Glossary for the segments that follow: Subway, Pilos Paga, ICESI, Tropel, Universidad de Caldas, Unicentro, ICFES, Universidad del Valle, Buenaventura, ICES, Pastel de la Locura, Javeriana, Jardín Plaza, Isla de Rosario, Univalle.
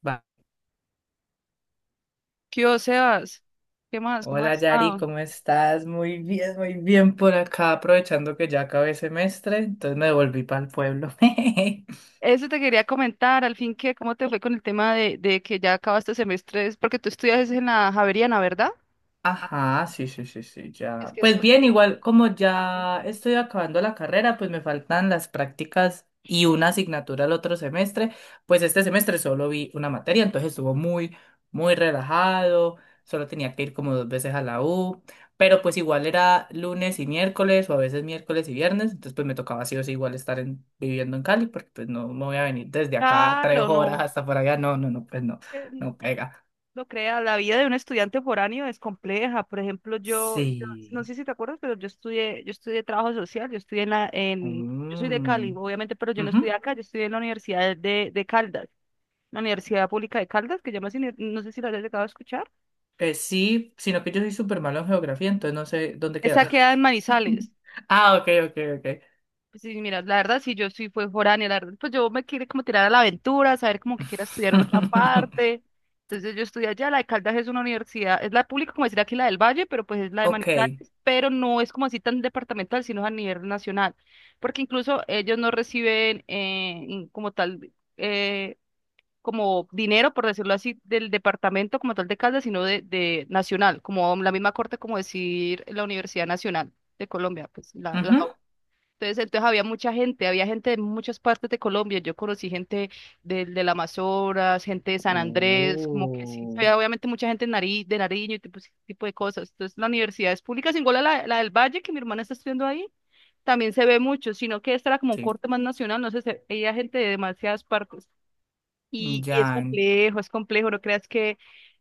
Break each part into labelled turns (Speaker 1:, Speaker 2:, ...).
Speaker 1: Va.
Speaker 2: ¿Qué hubo, Sebas? ¿Qué más? ¿Cómo
Speaker 1: Hola
Speaker 2: has
Speaker 1: Yari,
Speaker 2: estado?
Speaker 1: ¿cómo estás? Muy bien por acá, aprovechando que ya acabé semestre, entonces me devolví para el pueblo.
Speaker 2: Eso te quería comentar, al fin que, ¿cómo te fue con el tema de que ya acabaste semestre? Es porque tú estudias en la Javeriana, ¿verdad?
Speaker 1: Ajá, sí, sí, sí, sí,
Speaker 2: Es
Speaker 1: ya.
Speaker 2: que eso
Speaker 1: Pues
Speaker 2: es
Speaker 1: bien,
Speaker 2: bien
Speaker 1: igual como ya estoy acabando la carrera, pues me faltan las prácticas y una asignatura el otro semestre. Pues este semestre solo vi una materia, entonces estuvo muy, muy relajado. Solo tenía que ir como dos veces a la U, pero pues igual era lunes y miércoles o a veces miércoles y viernes, entonces pues me tocaba sí o sí igual estar viviendo en Cali porque pues no me voy a venir desde acá tres
Speaker 2: caro,
Speaker 1: horas
Speaker 2: ¿no?
Speaker 1: hasta por allá. No, no, no, pues no,
Speaker 2: eh,
Speaker 1: no pega.
Speaker 2: No creas, la vida de un estudiante foráneo es compleja. Por ejemplo, no
Speaker 1: Sí.
Speaker 2: sé si te acuerdas, pero yo estudié trabajo social, yo estudié en la, yo soy de Cali,
Speaker 1: Mm.
Speaker 2: obviamente, pero yo no
Speaker 1: Ujú.
Speaker 2: estudié acá, yo estudié en la Universidad de Caldas, la Universidad Pública de Caldas, que llamas, no sé si la hayas llegado a escuchar.
Speaker 1: Sí, sino que yo soy súper malo en geografía, entonces no sé dónde
Speaker 2: Esa
Speaker 1: queda.
Speaker 2: queda en Manizales.
Speaker 1: Ah, ok, ok, ok.
Speaker 2: Pues sí, mira, la verdad, si yo sí fue foránea, la verdad, pues yo me quiero como tirar a la aventura, saber como que quiero estudiar en otra parte. Entonces yo estudié allá, la de Caldas es una universidad, es la pública, como decir aquí la del Valle, pero pues es la de
Speaker 1: Ok.
Speaker 2: Manizales, pero no es como así tan departamental, sino es a nivel nacional, porque incluso ellos no reciben como tal, como dinero, por decirlo así, del departamento como tal de Caldas, sino de nacional, como la misma corte como decir la Universidad Nacional de Colombia, pues la
Speaker 1: Ujú.
Speaker 2: entonces había mucha gente, había gente de muchas partes de Colombia. Yo conocí gente del Amazonas, gente de San Andrés, como que sí,
Speaker 1: Uh,
Speaker 2: había obviamente mucha gente de Nariño y tipo, ese tipo de cosas. Entonces, la universidad es pública, sin la del Valle, que mi hermana está estudiando ahí, también se ve mucho, sino que esta era como un
Speaker 1: sí,
Speaker 2: corte más nacional, no sé, había gente de demasiadas partes. Y
Speaker 1: ya.
Speaker 2: es complejo, no creas que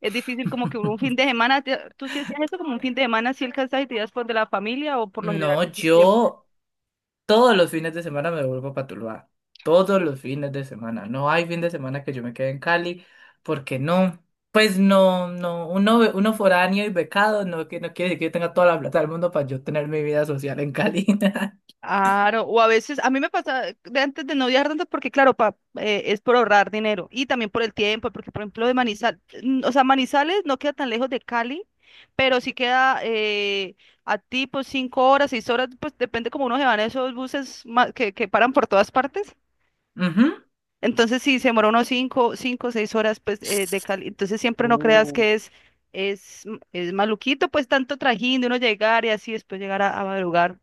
Speaker 2: es difícil como que un fin de semana, tú sí hacías eso como un fin de semana, si alcanzas y te ibas por de la familia o por lo general.
Speaker 1: No, yo todos los fines de semana me vuelvo a Tuluá. Todos los fines de semana. No hay fin de semana que yo me quede en Cali, porque no. Pues no, no, uno foráneo y becado no, que no quiere decir que yo tenga toda la plata del mundo para yo tener mi vida social en Cali.
Speaker 2: Claro, o a veces, a mí me pasa de antes de no viajar tanto porque, claro, pa, es por ahorrar dinero y también por el tiempo, porque, por ejemplo, de Manizales, o sea, Manizales no queda tan lejos de Cali, pero sí queda a tipo 5 horas, 6 horas, pues depende como uno se van esos buses que paran por todas partes.
Speaker 1: Ujú.
Speaker 2: Entonces, si se demora unos 5, 5, 6 horas, pues, de cali. Entonces, siempre no creas
Speaker 1: Uh,
Speaker 2: que es maluquito, pues, tanto trajín de uno llegar y así después llegar a madrugar.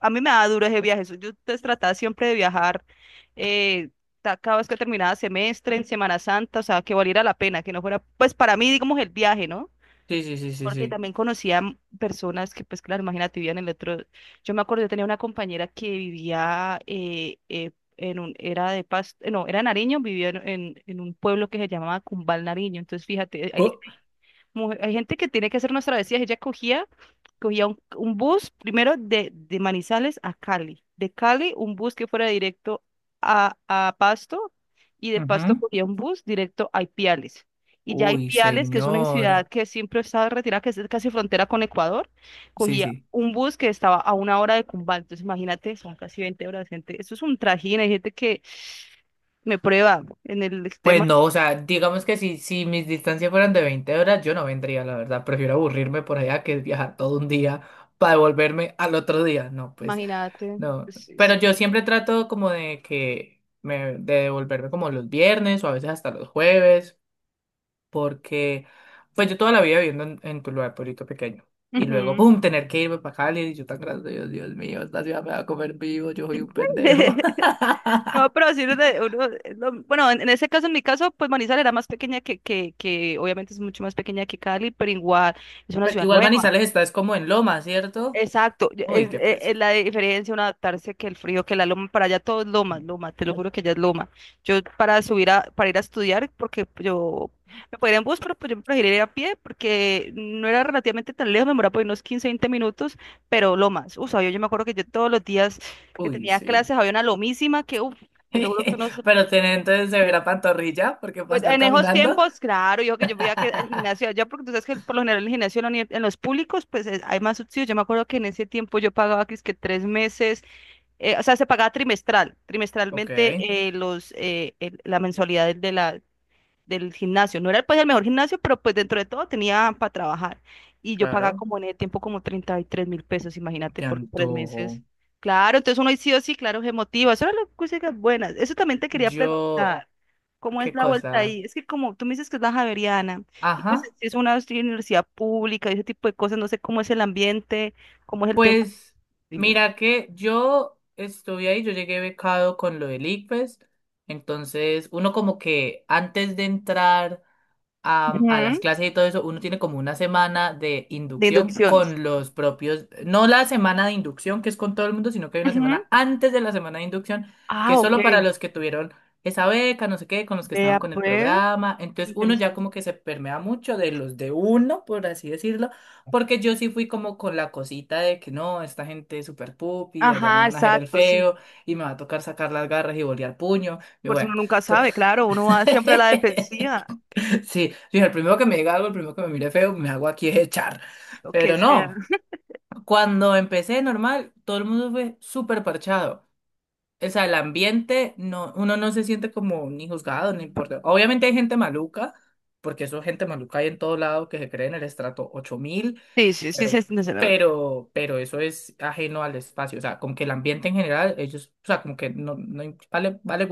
Speaker 2: A mí me da duro ese viaje. Yo pues, trataba siempre de viajar eh, cada vez que terminaba semestre, en Semana Santa, o sea, que valiera la pena, que no fuera, pues, para mí, digamos, el viaje, ¿no?
Speaker 1: sí, sí, sí, sí,
Speaker 2: Porque
Speaker 1: sí.
Speaker 2: también conocía personas que, pues claro, imagínate, vivían en el otro. Yo me acuerdo, yo tenía una compañera que vivía en un, era de Pasto, no, era Nariño, vivía en un pueblo que se llamaba Cumbal Nariño. Entonces, fíjate,
Speaker 1: Oh,
Speaker 2: hay gente que tiene que hacer unas travesías. Ella cogía, cogía un bus primero de Manizales a Cali. De Cali, un bus que fuera directo a Pasto. Y de Pasto
Speaker 1: ujú.
Speaker 2: cogía un bus directo a Ipiales. Y ya
Speaker 1: Uy,
Speaker 2: Ipiales, que es una ciudad
Speaker 1: señor.
Speaker 2: que siempre estaba retirada, que es casi frontera con Ecuador,
Speaker 1: Sí,
Speaker 2: cogía
Speaker 1: sí.
Speaker 2: un bus que estaba a una hora de Cumbal. Entonces, imagínate, son casi 20 horas, gente. Eso es un trajín. Hay gente que me prueba en el
Speaker 1: Pues
Speaker 2: tema.
Speaker 1: no, o sea, digamos que si mis distancias fueran de 20 horas, yo no vendría, la verdad. Prefiero aburrirme por allá que viajar todo un día para devolverme al otro día. No, pues
Speaker 2: Imagínate.
Speaker 1: no.
Speaker 2: Sí,
Speaker 1: Pero
Speaker 2: sí.
Speaker 1: yo siempre trato como de devolverme como los viernes o a veces hasta los jueves, porque pues yo toda la vida viviendo en Tuluá, pueblito pequeño, y luego,
Speaker 2: Ujú.
Speaker 1: ¡pum!, tener que irme para Cali, y yo tan grande, Dios mío, esta ciudad me va a comer vivo, yo soy un pendejo.
Speaker 2: No, pero sí, uno, uno es bueno, en ese caso, en mi caso, pues Manizales era más pequeña que, obviamente es mucho más pequeña que Cali, pero igual es una
Speaker 1: Pero
Speaker 2: ciudad
Speaker 1: igual
Speaker 2: nueva.
Speaker 1: Manizales está, es como en Loma, ¿cierto?
Speaker 2: Exacto,
Speaker 1: Uy,
Speaker 2: es,
Speaker 1: qué
Speaker 2: e-
Speaker 1: presa.
Speaker 2: es la diferencia un adaptarse que el frío, que la loma, para allá todo es loma, loma, te lo juro que ya es loma. Yo para subir para ir a estudiar, porque yo me podía ir en bus, pero pues yo prefería ir a pie, porque no era relativamente tan lejos, me demoraba por unos 15, 20 minutos, pero lomas, uff, yo me acuerdo que yo todos los días que
Speaker 1: Uy,
Speaker 2: tenía
Speaker 1: sí.
Speaker 2: clases había una lomísima que, uff, te lo juro que uno se
Speaker 1: Pero tiene entonces se pantorrilla, porque para
Speaker 2: pues
Speaker 1: estar
Speaker 2: en esos
Speaker 1: caminando.
Speaker 2: tiempos, claro, yo que yo voy a que al gimnasio allá, porque tú sabes que por lo general el gimnasio en la en los públicos, pues hay más subsidios. Yo me acuerdo que en ese tiempo yo pagaba que es que 3 meses, o sea, se pagaba
Speaker 1: Ok,
Speaker 2: trimestralmente la mensualidad del gimnasio. No era pues el mejor gimnasio, pero pues dentro de todo tenía para trabajar. Y yo pagaba
Speaker 1: claro.
Speaker 2: como en el tiempo como 33.000 pesos, imagínate,
Speaker 1: Qué
Speaker 2: por tres
Speaker 1: antojo.
Speaker 2: meses. Claro, entonces uno sí o sí, claro, se motiva. Eso eran las cosas buenas. Eso también te quería
Speaker 1: Yo,
Speaker 2: preguntar. ¿Cómo es
Speaker 1: qué
Speaker 2: la vuelta
Speaker 1: cosa.
Speaker 2: ahí? Es que como tú me dices que es la Javeriana, y pues es
Speaker 1: Ajá.
Speaker 2: es una universidad pública y ese tipo de cosas, no sé cómo es el ambiente, cómo es el tema
Speaker 1: Pues
Speaker 2: de
Speaker 1: mira que yo estuve ahí, yo llegué becado con lo del ICFES, entonces uno como que antes de entrar a las
Speaker 2: Ujú,
Speaker 1: clases y todo eso, uno tiene como una semana de
Speaker 2: de
Speaker 1: inducción
Speaker 2: inducción.
Speaker 1: con los propios, no la semana de inducción que es con todo el mundo, sino que hay una
Speaker 2: Ujú.
Speaker 1: semana antes de la semana de inducción que
Speaker 2: Ah,
Speaker 1: es solo para
Speaker 2: ok.
Speaker 1: los que tuvieron esa beca, no sé qué, con los que estaban
Speaker 2: Vea,
Speaker 1: con el
Speaker 2: pues,
Speaker 1: programa. Entonces uno ya
Speaker 2: interesante.
Speaker 1: como que se permea mucho de los de uno, por así decirlo, porque yo sí fui como con la cosita de que no, esta gente es súper pupi, allá me
Speaker 2: Ajá,
Speaker 1: van a hacer el
Speaker 2: exacto, sí.
Speaker 1: feo y me va a tocar sacar las garras y bolear puño. Y
Speaker 2: Porque uno
Speaker 1: bueno,
Speaker 2: nunca
Speaker 1: to-
Speaker 2: sabe, claro, uno va siempre a la defensiva,
Speaker 1: Sí, dije, el primero que me diga algo, el primero que me mire feo, me hago aquí es echar.
Speaker 2: lo que
Speaker 1: Pero
Speaker 2: sea.
Speaker 1: no, cuando empecé normal, todo el mundo fue súper parchado. O sea, el ambiente, no, uno no se siente como ni juzgado, ni importa. Obviamente hay gente maluca, porque eso gente maluca hay en todo lado que se cree en el estrato ocho mil,
Speaker 2: Sí, sí, sí,
Speaker 1: pero,
Speaker 2: sí, sí, sí, no.
Speaker 1: pero eso es ajeno al espacio. O sea, como que el ambiente en general, ellos, o sea, como que no, vale, vale.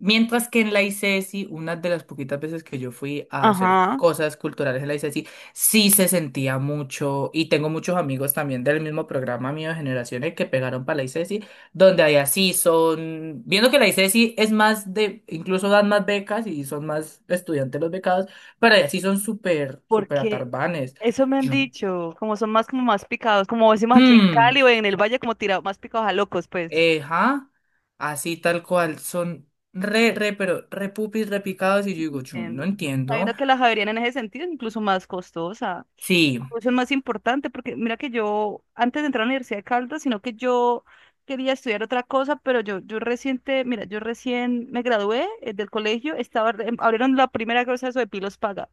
Speaker 1: Mientras que en la ICESI, una de las poquitas veces que yo fui a hacer
Speaker 2: Ajá,
Speaker 1: cosas culturales en la ICESI, sí se sentía mucho, y tengo muchos amigos también del mismo programa mío de generaciones que pegaron para la ICESI, donde allá sí son, viendo que la ICESI es más de, incluso dan más becas y son más estudiantes los becados, pero allá sí son súper, súper
Speaker 2: porque
Speaker 1: atarbanes.
Speaker 2: eso me han
Speaker 1: Yo,
Speaker 2: dicho, como son más como más picados, como decimos aquí en
Speaker 1: hmm,
Speaker 2: Cali o en el Valle, como tirados, más picados a locos, pues.
Speaker 1: eh, ja, así tal cual, son re, re, pero re pupis, repicados, y yo digo, yo no
Speaker 2: Entiendo.
Speaker 1: entiendo.
Speaker 2: Sabiendo que la Javeriana en ese sentido es incluso más costosa,
Speaker 1: Sí.
Speaker 2: incluso es más importante, porque mira que yo, antes de entrar a la Universidad de Caldas, sino que yo quería estudiar otra cosa, pero yo reciente, mira, yo recién me gradué del colegio, estaba, abrieron la primera cosa de eso de Pilos Paga,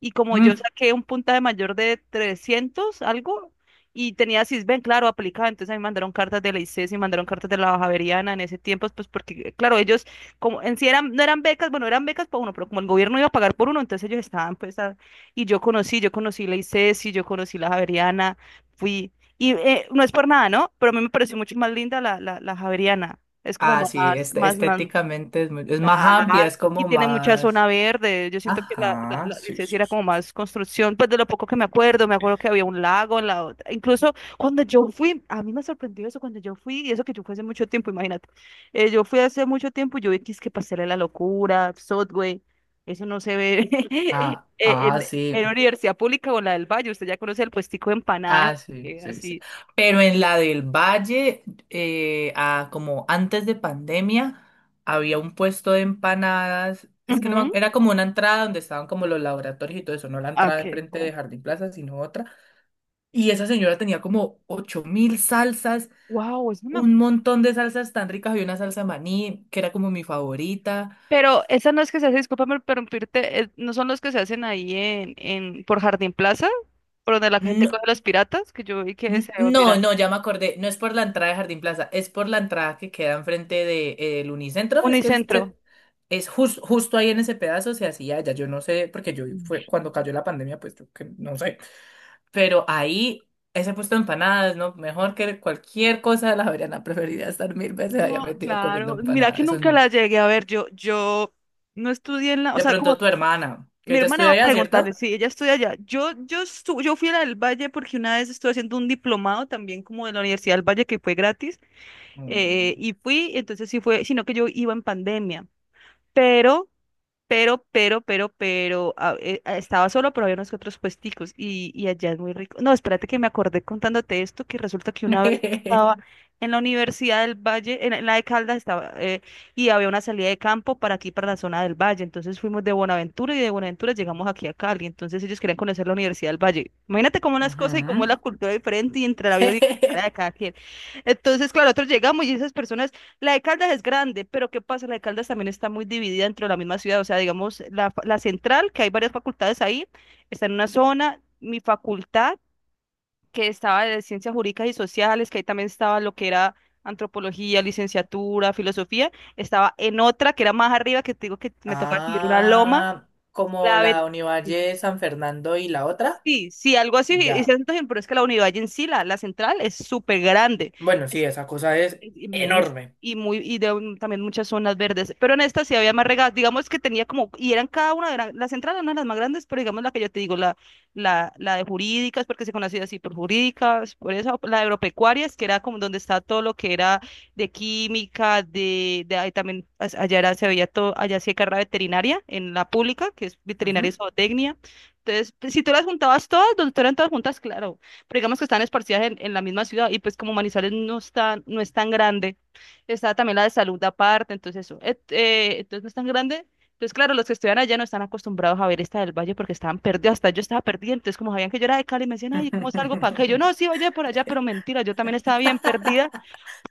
Speaker 2: y como yo
Speaker 1: Mm.
Speaker 2: saqué un puntaje mayor de 300 algo, y tenía sisben claro, aplicada, entonces a mí me mandaron cartas de la ICES y mandaron cartas de la Baja Javeriana en ese tiempo, pues porque, claro, ellos, como en sí eran, no eran becas, bueno, eran becas para uno, pero como el gobierno iba a pagar por uno, entonces ellos estaban, pues, y yo conocí la ICES y yo conocí la Javeriana, fui, y no es por nada, ¿no? Pero a mí me pareció mucho más linda la Javeriana, es como
Speaker 1: Ah,
Speaker 2: más,
Speaker 1: sí, este,
Speaker 2: más, más.
Speaker 1: estéticamente es más
Speaker 2: Claro,
Speaker 1: amplia, es
Speaker 2: y
Speaker 1: como
Speaker 2: tiene mucha zona
Speaker 1: más.
Speaker 2: verde. Yo siento que la, la,
Speaker 1: Ajá,
Speaker 2: la
Speaker 1: sí,
Speaker 2: licencia
Speaker 1: sí,
Speaker 2: era
Speaker 1: sí,
Speaker 2: como
Speaker 1: sí.
Speaker 2: más construcción, pues de lo poco que me acuerdo que había un lago en la otra. Incluso cuando yo fui, a mí me sorprendió eso cuando yo fui, y eso que yo fui hace mucho tiempo, imagínate. Yo fui hace mucho tiempo, y yo vi que es que Pastel de la Locura, Subway, eso no se ve
Speaker 1: Ah, ah,
Speaker 2: en, en,
Speaker 1: sí.
Speaker 2: en la universidad pública o en la del Valle. Usted ya conoce el puestico de empanadas,
Speaker 1: Ah, sí, sí, sí.
Speaker 2: así.
Speaker 1: Pero en la del Valle, como antes de pandemia, había un puesto de empanadas. Es que no,
Speaker 2: Ujú.
Speaker 1: era como una entrada donde estaban como los laboratorios y todo eso, no la entrada
Speaker 2: Ok.
Speaker 1: enfrente de Jardín Plaza, sino otra. Y esa señora tenía como ocho mil salsas,
Speaker 2: Wow, eso no me
Speaker 1: un montón de salsas tan ricas. Había una salsa maní que era como mi favorita.
Speaker 2: pero esas no es que se hace, discúlpame por interrumpirte, no son los que se hacen ahí en por Jardín Plaza, por donde la gente
Speaker 1: No,
Speaker 2: coge los piratas, que yo vi que se
Speaker 1: no,
Speaker 2: olvidan.
Speaker 1: no, ya me acordé. No es por la entrada de Jardín Plaza, es por la entrada que queda enfrente del Unicentro. Es que el
Speaker 2: Unicentro.
Speaker 1: ce- es jus- justo ahí en ese pedazo se hacía ya. Yo no sé, porque yo fue cuando cayó la pandemia, pues yo que no sé. Pero ahí, ese puesto de empanadas, ¿no? Mejor que cualquier cosa de la Javeriana. Preferiría estar mil veces allá
Speaker 2: No,
Speaker 1: metido comiendo
Speaker 2: claro. Mira que
Speaker 1: empanadas.
Speaker 2: nunca
Speaker 1: Son
Speaker 2: la llegué a ver. Yo no estudié en la, o
Speaker 1: de
Speaker 2: sea,
Speaker 1: pronto
Speaker 2: como
Speaker 1: tu hermana, que
Speaker 2: mi
Speaker 1: ella
Speaker 2: hermana va
Speaker 1: estudia
Speaker 2: a
Speaker 1: allá, ¿cierto?
Speaker 2: preguntarle, sí, ella estudia allá. Yo fui a la del Valle porque una vez estuve haciendo un diplomado también como de la Universidad del Valle que fue gratis,
Speaker 1: Mm.
Speaker 2: y fui, entonces sí fue, sino que yo iba en pandemia. Pero estaba solo, pero había unos que otros puesticos y allá es muy rico. No, espérate que me acordé contándote esto, que resulta que una vez estaba en la Universidad del Valle, en la de Caldas estaba, y había una salida de campo para aquí, para la zona del Valle. Entonces fuimos de Buenaventura y de Buenaventura llegamos aquí a Cali. Entonces ellos querían conocer la Universidad del Valle. Imagínate cómo las cosas y cómo es
Speaker 1: Ujú.
Speaker 2: la cultura diferente y entre la vida universitaria de cada quien. Entonces, claro, nosotros llegamos y esas personas la de Caldas es grande, pero ¿qué pasa? La de Caldas también está muy dividida dentro de la misma ciudad. O sea, digamos, la central, que hay varias facultades ahí, está en una zona. Mi facultad, que estaba de ciencias jurídicas y sociales, que ahí también estaba lo que era antropología, licenciatura, filosofía, estaba en otra que era más arriba, que te digo que me tocaba subir una loma.
Speaker 1: Ah, como
Speaker 2: La
Speaker 1: la
Speaker 2: ve-
Speaker 1: Univalle San Fernando y la otra.
Speaker 2: Sí, sí, algo así. Y se
Speaker 1: Ya.
Speaker 2: siente, pero es que la unidad en sí, la central, es súper grande.
Speaker 1: Bueno, sí, esa cosa es
Speaker 2: Es inmenso
Speaker 1: enorme.
Speaker 2: y muy y también muchas zonas verdes, pero en esta sí había más regadas, digamos que tenía como y eran cada una de las entradas una de las más grandes, pero digamos la que yo te digo la de jurídicas, porque se conocía así por jurídicas, por eso la de agropecuarias, que era como donde está todo lo que era de química, de ahí también allá era, se veía todo, allá sí hay carrera veterinaria en la pública, que es veterinaria y
Speaker 1: Ujú.
Speaker 2: zootecnia. Entonces, pues, si tú las juntabas todas, donde tú eran todas juntas, claro, pero digamos que están esparcidas en la misma ciudad, y pues como Manizales no está, no es tan grande, está también la de salud aparte, entonces eso, entonces no es tan grande. Entonces, claro, los que estudian allá no están acostumbrados a ver esta del Valle, porque estaban perdidos, hasta yo estaba perdida. Entonces, como sabían que yo era de Cali, me decían, ay, ¿cómo salgo para acá? Y yo, no, sí, oye, por allá, pero mentira, yo también estaba bien perdida,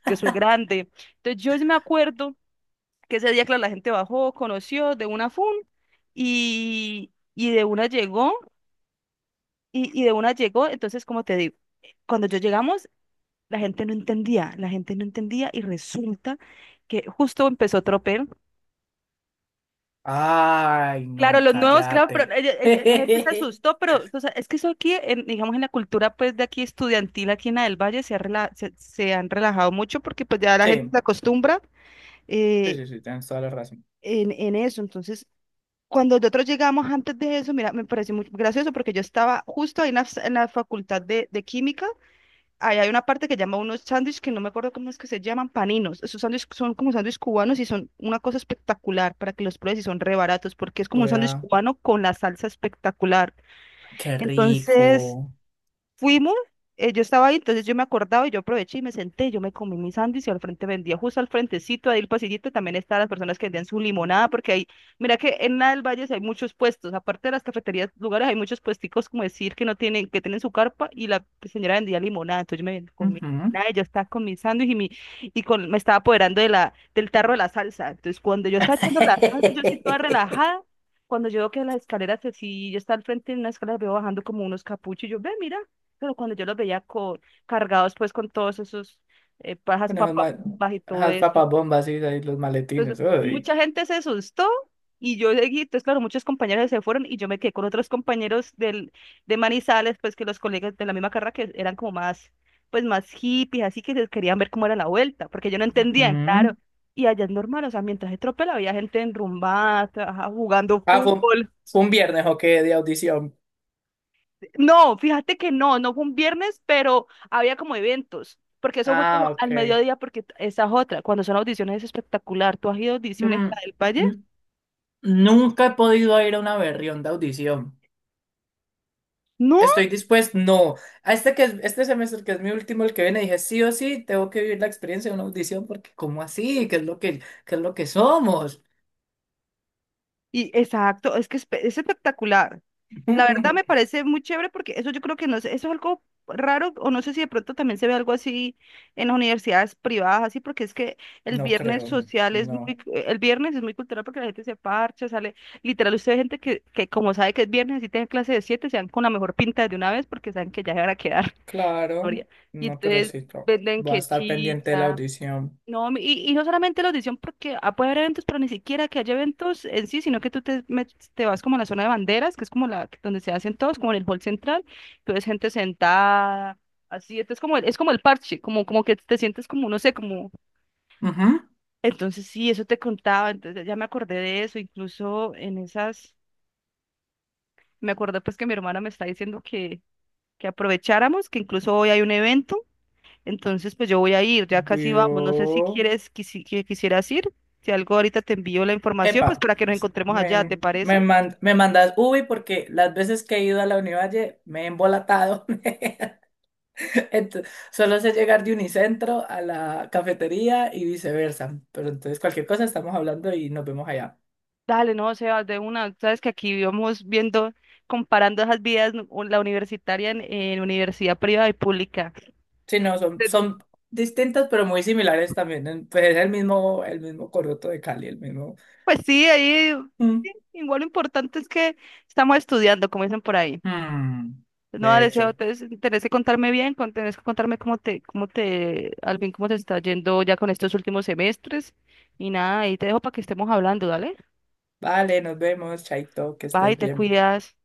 Speaker 2: que soy grande. Entonces, yo sí me acuerdo que ese día, claro, la gente bajó, conoció de una fun y de una llegó, y de una llegó. Entonces, como te digo, cuando yo llegamos, la gente no entendía, la gente no entendía, y resulta que justo empezó Tropel.
Speaker 1: Ay,
Speaker 2: Claro,
Speaker 1: no,
Speaker 2: los nuevos, claro, pero
Speaker 1: cállate.
Speaker 2: la gente se asustó. Pero o sea, es que eso aquí, digamos, en la cultura pues de aquí estudiantil, aquí en la del Valle, se, se han relajado mucho, porque pues ya la gente
Speaker 1: Sí,
Speaker 2: se acostumbra
Speaker 1: sí,
Speaker 2: eh,
Speaker 1: sí, sí, tienes toda la razón.
Speaker 2: en eso. Entonces, cuando nosotros llegamos antes de eso, mira, me pareció muy gracioso, porque yo estaba justo ahí en la facultad de química. Ahí hay una parte que llama unos sándwiches que no me acuerdo cómo es que se llaman, paninos. Esos sándwiches son como sándwiches cubanos y son una cosa espectacular para que los pruebes, y son re baratos porque es como un
Speaker 1: Voy
Speaker 2: sándwich
Speaker 1: a.
Speaker 2: cubano con la salsa espectacular.
Speaker 1: Qué
Speaker 2: Entonces,
Speaker 1: rico.
Speaker 2: fuimos, yo estaba ahí, entonces yo me acordaba y yo aproveché y me senté, yo me comí mis sándwich y al frente vendía, justo al frentecito, ahí el pasillito, también estaban las personas que vendían su limonada. Porque ahí, mira que en la del Valle sí hay muchos puestos, aparte de las cafeterías, lugares, hay muchos puesticos, como decir, que no tienen, que tienen su carpa, y la señora vendía limonada. Entonces yo comí mi
Speaker 1: Ujú.
Speaker 2: limonada, y yo estaba con mi sándwich y, mi, y con, me estaba apoderando de la, del tarro de la salsa. Entonces, cuando yo estaba echando la salsa, yo estoy toda relajada, cuando yo veo que las escaleras, así, yo estaba al frente de una escalera, veo bajando como unos capuchos, y yo, ve, mira, pero cuando yo los veía cargados pues con todos esos pajas
Speaker 1: Bueno, esas
Speaker 2: papas
Speaker 1: ma-
Speaker 2: y todo
Speaker 1: esas
Speaker 2: eso.
Speaker 1: papas bombas y ahí los
Speaker 2: Entonces
Speaker 1: maletines. Uy.
Speaker 2: mucha gente se asustó y yo seguí. Entonces, claro, muchos compañeros se fueron y yo me quedé con otros compañeros del, de Manizales, pues que los colegas de la misma carrera, que eran como más, pues más hippies, así, que se querían ver cómo era la vuelta, porque ellos no entendían,
Speaker 1: Ujú.
Speaker 2: claro. Y allá es normal, o sea, mientras se tropela había gente enrumbada, ajá, jugando
Speaker 1: Ah, fue un,
Speaker 2: fútbol.
Speaker 1: fue un viernes, ok, de audición.
Speaker 2: No, fíjate que no, no fue un viernes, pero había como eventos, porque eso fue como
Speaker 1: Ah,
Speaker 2: al
Speaker 1: ok.
Speaker 2: mediodía, porque esa es otra, cuando son audiciones es espectacular. ¿Tú has ido a audiciones
Speaker 1: Mm,
Speaker 2: a del Valle?
Speaker 1: n- Nunca he podido ir a una berrión de audición.
Speaker 2: No,
Speaker 1: Estoy dispuesto, no. A este que es- Este semestre que es mi último, el que viene, dije sí o sí, tengo que vivir la experiencia de una audición, porque ¿cómo así? ¿Qué es lo que somos?
Speaker 2: y exacto, es que es, es espectacular. La verdad me parece muy chévere, porque eso yo creo que no sé, eso es algo raro, o no sé si de pronto también se ve algo así en las universidades privadas, así, porque es que el
Speaker 1: No
Speaker 2: viernes
Speaker 1: creo,
Speaker 2: social es muy,
Speaker 1: no.
Speaker 2: el viernes es muy cultural, porque la gente se parcha, sale, literal, usted ve gente que como sabe que es viernes y tiene clase de siete, se dan con la mejor pinta de una vez porque saben que ya se van a quedar,
Speaker 1: Claro,
Speaker 2: Gloria. Y
Speaker 1: no, pero
Speaker 2: entonces
Speaker 1: sí, no.
Speaker 2: venden
Speaker 1: Voy a
Speaker 2: que
Speaker 1: estar pendiente de la
Speaker 2: chicha
Speaker 1: audición.
Speaker 2: no, y no solamente la audición, porque ah, puede haber eventos, pero ni siquiera que haya eventos en sí, sino que tú te, te vas como a la zona de banderas, que es como la donde se hacen todos, como en el hall central, que ves gente sentada, así. Entonces como es como el parche, como, como que te sientes como, no sé, como,
Speaker 1: Ujú.
Speaker 2: entonces sí, eso te contaba, entonces ya me acordé de eso, incluso en esas, me acordé pues que mi hermana me está diciendo que aprovecháramos, que incluso hoy hay un evento. Entonces, pues yo voy a ir, ya casi vamos. No sé si
Speaker 1: Vio.
Speaker 2: quieres, que quisieras ir. Si algo ahorita te envío la información, pues
Speaker 1: Epa,
Speaker 2: para que nos encontremos allá, ¿te
Speaker 1: me, me,
Speaker 2: parece?
Speaker 1: man- me mandas Ubi porque las veces que he ido a la Univalle me he embolatado. Ento- Solo sé llegar de Unicentro a la cafetería y viceversa. Pero entonces cualquier cosa estamos hablando y nos vemos allá.
Speaker 2: Dale, no, Sebas, de una. Sabes que aquí íbamos viendo, comparando esas vidas, la universitaria en universidad privada y pública.
Speaker 1: Sí, no, son,
Speaker 2: Pero,
Speaker 1: son distintas pero muy similares también. Pues es el mismo coroto de Cali, el mismo.
Speaker 2: pues sí, ahí
Speaker 1: Mm.
Speaker 2: sí, igual lo importante es que estamos estudiando, como dicen por ahí.
Speaker 1: Mm.
Speaker 2: No,
Speaker 1: De
Speaker 2: deseo,
Speaker 1: hecho.
Speaker 2: te tenés que contarme bien, tenés que contarme cómo te, al fin cómo te está yendo ya con estos últimos semestres. Y nada, ahí te dejo para que estemos hablando, dale.
Speaker 1: Vale, nos vemos, Chaito, que
Speaker 2: Bye,
Speaker 1: estés
Speaker 2: te
Speaker 1: bien.
Speaker 2: cuidas.